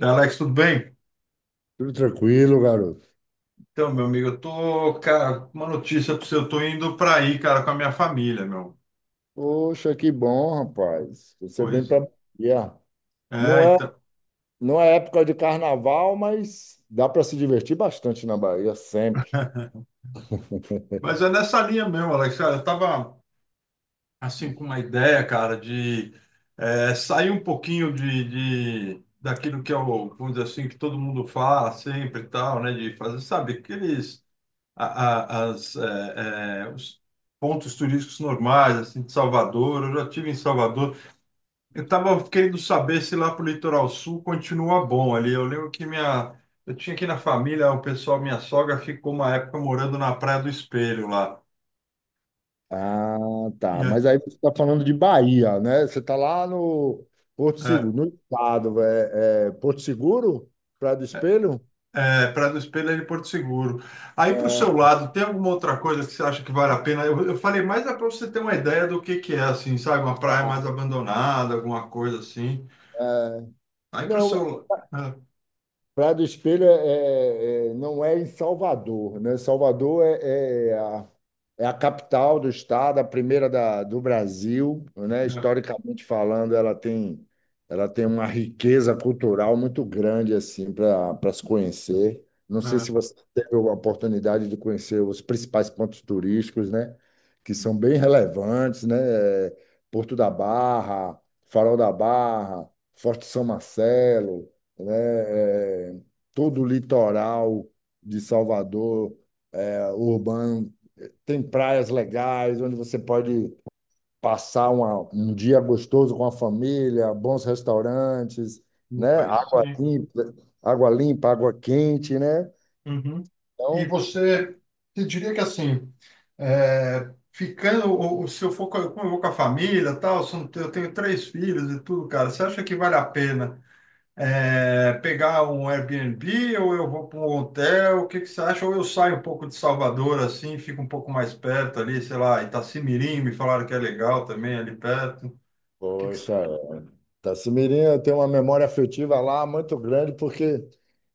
Alex, tudo bem? Tudo tranquilo, garoto. Então, meu amigo, eu tô, cara, uma notícia para você, eu tô indo para aí, cara, com a minha família, meu. Poxa, que bom, rapaz. Você vem Pois para Bahia. Não é, é, então. não é época de carnaval, mas dá para se divertir bastante na Bahia, sempre. Mas é nessa linha mesmo, Alex, cara, eu tava, assim, com uma ideia, cara, de sair um pouquinho de, daquilo que é o, vamos dizer assim, que todo mundo fala sempre e tal, né, de fazer, sabe, aqueles, a- os pontos turísticos normais, assim, de Salvador. Eu já tive em Salvador, eu estava querendo saber se lá pro litoral sul continua bom ali. Eu lembro que minha, eu tinha aqui na família, o pessoal, minha sogra ficou uma época morando na Praia do Espelho lá. Ah, E tá. Mas aí você está falando de Bahia, né? Você está lá no Porto é, Seguro, no estado. É, é Porto Seguro? Praia do Espelho? Praia do Espelho é de Porto Seguro. Aí para o seu É, lado, tem alguma outra coisa que você acha que vale a pena? Eu falei mais para você ter uma ideia do que é, assim, sabe? Uma praia mais abandonada, alguma coisa assim. é. Aí para o Não, seu lado. Praia do Espelho é, não é em Salvador, né? Salvador é a capital do estado, a primeira do Brasil, né? Historicamente falando, ela tem uma riqueza cultural muito grande assim para se conhecer. Não É, sei é, é, se você teve a oportunidade de conhecer os principais pontos turísticos, né? Que são bem relevantes, né? É, Porto da Barra, Farol da Barra, Forte São Marcelo, né? É, todo o litoral de Salvador, é, urbano, tem praias legais onde você pode passar um dia gostoso com a família, bons restaurantes, no né? país, Água sim. limpa, água limpa, água quente, né? Uhum. E Então, você diria que assim, ficando, ou se eu for, como eu vou com a família, tal, se eu não tenho eu tenho três filhos e tudo, cara, você acha que vale a pena pegar um Airbnb ou eu vou para um hotel? O que que você acha? Ou eu saio um pouco de Salvador, assim, fico um pouco mais perto ali, sei lá, Itacimirim, me falaram que é legal também ali perto. O que que você... poxa, Tassimirim, eu, tenho uma memória afetiva lá muito grande porque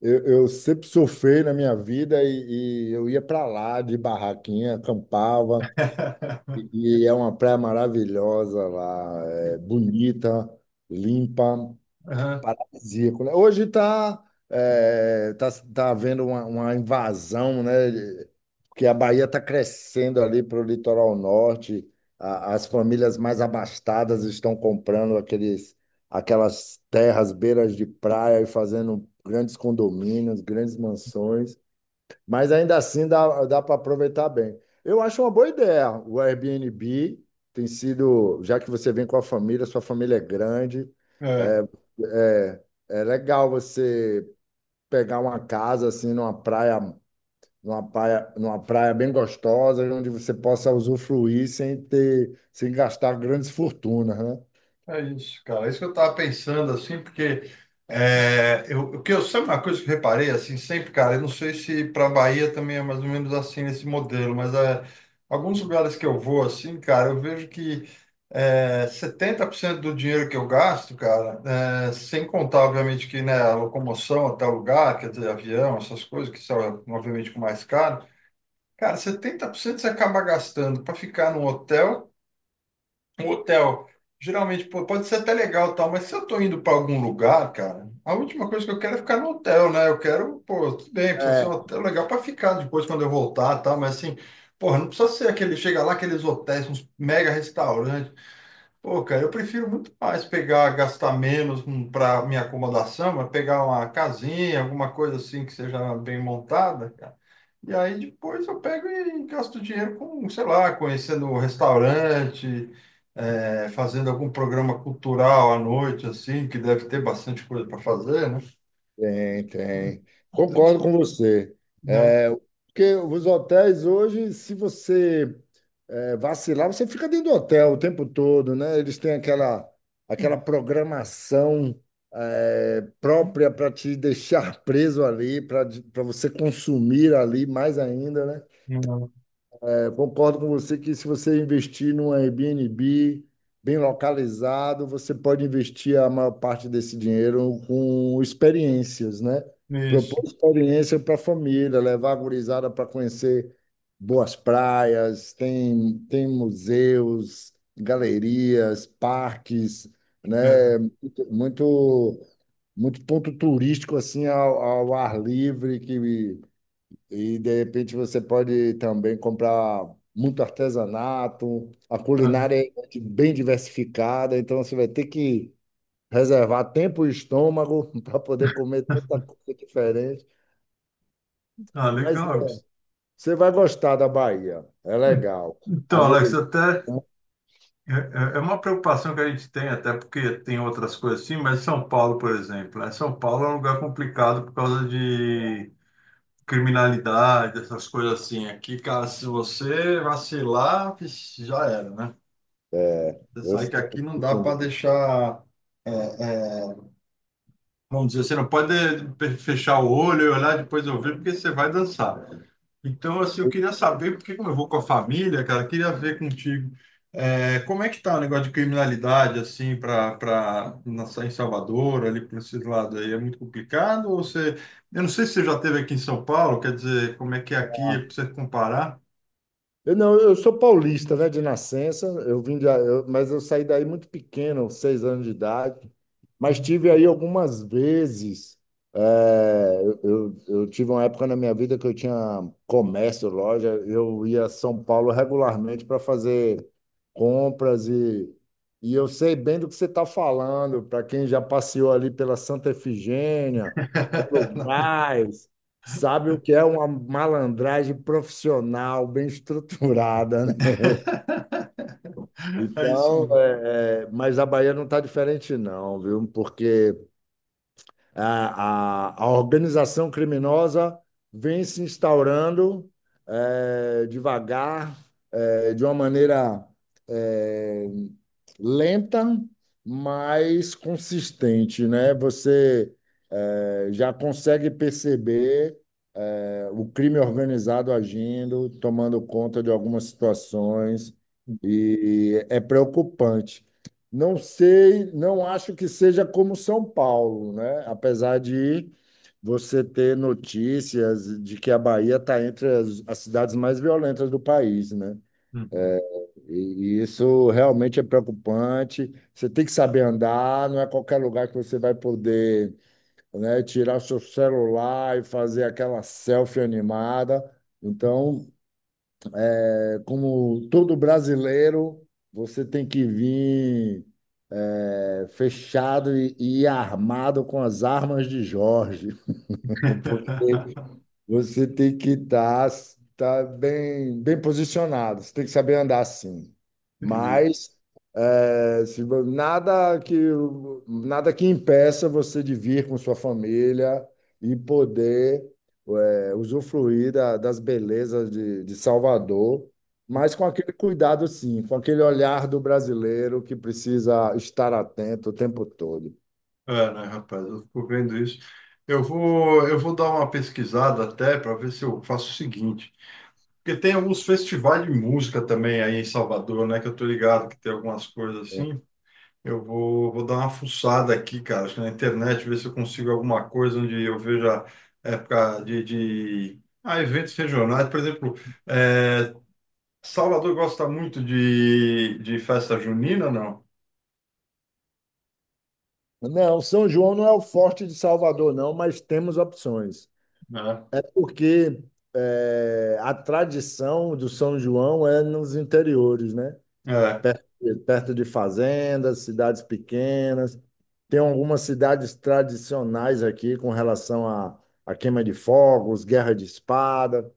eu sempre surfei na minha vida e eu ia para lá de barraquinha, acampava, E e é uma praia maravilhosa lá, é bonita, limpa, paradisíaco, né? Hoje está tá havendo uma invasão, né? Porque a Bahia está crescendo ali para o litoral norte, as famílias mais abastadas estão comprando aqueles, aquelas terras, beiras de praia e fazendo grandes condomínios, grandes mansões. Mas ainda assim dá para aproveitar bem. Eu acho uma boa ideia. O Airbnb tem sido, já que você vem com a família, sua família é grande, Aham. é, é legal você pegar uma casa assim numa praia, numa praia bem gostosa, onde você possa usufruir sem ter, sem gastar grandes fortunas, né? É isso, cara. É isso que eu estava pensando, assim, porque é, eu, o que eu sempre uma coisa que eu reparei, assim, sempre, cara. Eu não sei se para Bahia também é mais ou menos assim nesse modelo, mas alguns lugares que eu vou, assim, cara, eu vejo que 70% do dinheiro que eu gasto, cara, sem contar, obviamente, que né, a locomoção até o lugar, quer dizer, avião, essas coisas, que são, obviamente, com mais caro, cara, 70% você acaba gastando para ficar num hotel um hotel, geralmente. Pô, pode ser até legal, e tal, mas se eu tô indo para algum lugar, cara, a última coisa que eu quero é ficar no hotel, né? Eu quero, pô, tudo bem, precisa ser um É, hotel legal para ficar depois quando eu voltar, tá? Mas assim, porra, não precisa ser aquele, chega lá, aqueles hotéis, uns mega restaurantes. Pô, cara, eu prefiro muito mais pegar, gastar menos para minha acomodação, mas pegar uma casinha, alguma coisa assim que seja bem montada, cara. E aí depois eu pego e gasto dinheiro com, sei lá, conhecendo um restaurante, fazendo algum programa cultural à noite, assim, que deve ter bastante coisa para fazer, né? tem, tem. Então, Concordo com você. né? É, porque os hotéis hoje, se você vacilar, você fica dentro do hotel o tempo todo, né? Eles têm aquela, aquela programação própria para te deixar preso ali, para você consumir ali mais ainda, né? Não. É, concordo com você que, se você investir num Airbnb bem localizado, você pode investir a maior parte desse dinheiro com experiências, né? Isso. Propor experiência para a família, levar a gurizada para conhecer boas praias, tem, tem museus, galerias, parques, né? Aham, Muito ponto turístico assim ao ar livre que e de repente você pode também comprar muito artesanato, a aham. culinária é bem diversificada, então você vai ter que reservar tempo e estômago para poder comer tanta coisa diferente. Ah, Mas legal. Isso. você vai gostar da Bahia, é legal. Então, Agora, Alex, até É é é uma preocupação que a gente tem, até porque tem outras coisas assim, mas São Paulo, por exemplo, né? São Paulo é um lugar complicado por causa de criminalidade, essas coisas assim. Aqui, cara, se você vacilar, vixe, já era, né? é, Você eu sabe que estou aqui não dá para entendendo. deixar, vamos dizer, você não pode fechar o olho e olhar depois ouvir, porque você vai dançar. Então, assim, eu queria saber, porque como eu vou com a família, cara, eu queria ver contigo, como é que tá o negócio de criminalidade, assim, para em Salvador, ali por esse lado aí, é muito complicado? Ou você, eu não sei se você já esteve aqui em São Paulo, quer dizer, como é que é aqui, para você comparar? Eu não, eu sou paulista, né, de nascença. Eu vim de, mas eu saí daí muito pequeno, seis anos de idade. Mas Uhum. tive aí algumas vezes. Eu tive uma época na minha vida que eu tinha comércio, loja. Eu ia a São Paulo regularmente para fazer compras e eu sei bem do que você está falando. Para quem já passeou ali pela Santa Efigênia, pelo Brás, sabe o que é uma malandragem profissional, bem estruturada, né? É isso Então, mesmo. Mas a Bahia não está diferente, não, viu? Porque a organização criminosa vem se instaurando devagar, de uma maneira eh, lenta, mas consistente, né? Você já consegue perceber o crime organizado agindo, tomando conta de algumas situações, e é preocupante. Não sei, não acho que seja como São Paulo, né? Apesar de você ter notícias de que a Bahia está entre as cidades mais violentas do país, né? Uhum. E isso realmente é preocupante. Você tem que saber andar, não é qualquer lugar que você vai poder, né, tirar seu celular e fazer aquela selfie animada. Então, é como todo brasileiro, você tem que vir fechado e armado com as armas de Jorge. Porque você tem que estar tá bem, bem posicionado, você tem que saber andar assim. Entendi. Mas é, se vo- nada que impeça você de vir com sua família e poder usufruir das belezas de Salvador, mas com aquele cuidado, sim, com aquele olhar do brasileiro que precisa estar atento o tempo todo. É, né, rapaz, eu fico vendo isso. Eu vou dar uma pesquisada até para ver se eu faço o seguinte. Porque tem alguns festivais de música também aí em Salvador, né? Que eu tô ligado que tem algumas coisas assim. Eu vou dar uma fuçada aqui, cara, acho que na internet, ver se eu consigo alguma coisa onde eu veja época Ah, eventos regionais. Por exemplo, é, Salvador gosta muito de, festa junina, não? Não, São João não é o forte de Salvador, não, mas temos opções. É porque a tradição do São João é nos interiores, né? É. É. Perto de fazendas, cidades pequenas. Tem algumas cidades tradicionais aqui com relação à à queima de fogos, guerra de espada.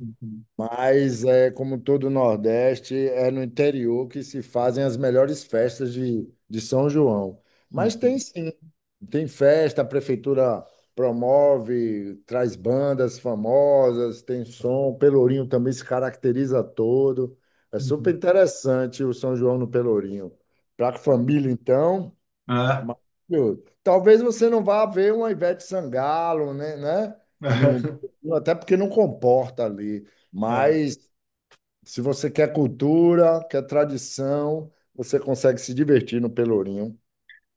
Uhum, Mas, é, como todo o Nordeste, é no interior que se fazem as melhores festas de São João. Mas tem uhum, sim, tem festa, a prefeitura promove, traz bandas famosas, tem som, o Pelourinho também se caracteriza todo. É super uhum. interessante o São João no Pelourinho. Para a família, então. É. Maravilhoso. Talvez você não vá ver uma Ivete Sangalo, né? Né? No, até porque não comporta ali. Mas se você quer cultura, quer tradição, você consegue se divertir no Pelourinho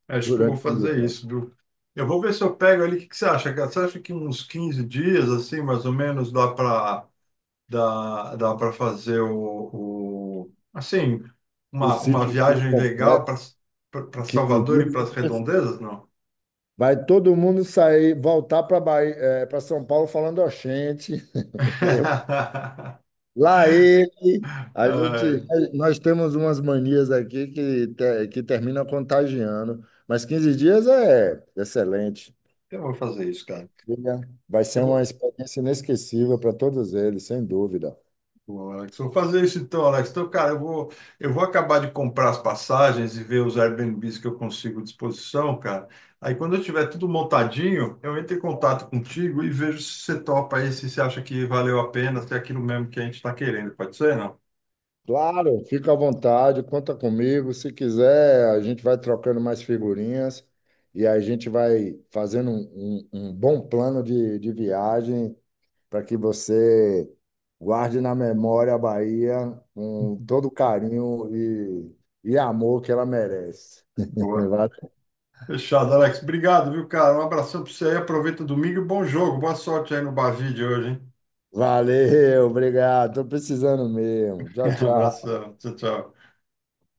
Acho que eu vou durante o fazer ano. isso, viu? Eu vou ver se eu pego ali. O que que você acha, cara? Você acha que uns 15 dias, assim, mais ou menos, dá para fazer assim, O uma sítio todo viagem legal completo, para 15 Salvador e dias, para é as perfeito. redondezas, não? Vai todo mundo sair, voltar para Bahia, para São Paulo falando, ó, gente, lá ele, a gente, É, nós temos umas manias aqui que, que termina contagiando, mas 15 dias é excelente. eu vou fazer isso, cara. Diga, vai Eu ser uma vou, experiência inesquecível para todos eles, sem dúvida. Pô, Alex, vou fazer isso então, Alex. Então, cara, eu vou acabar de comprar as passagens e ver os Airbnbs que eu consigo à disposição, cara. Aí, quando eu tiver tudo montadinho, eu entro em contato contigo e vejo se você topa aí, se você acha que valeu a pena, se é aquilo mesmo que a gente está querendo. Pode ser, não? Claro, fica à vontade, conta comigo. Se quiser, a gente vai trocando mais figurinhas e a gente vai fazendo um bom plano de viagem para que você guarde na memória a Bahia com todo o carinho e amor que ela merece. Boa. Va- Fechado, Alex. Obrigado, viu, cara? Um abração para você aí. Aproveita o domingo e bom jogo. Boa sorte aí no Bavide hoje, hein? Valeu, obrigado. Estou precisando mesmo. Tchau, tchau. Abração. Tchau, tchau.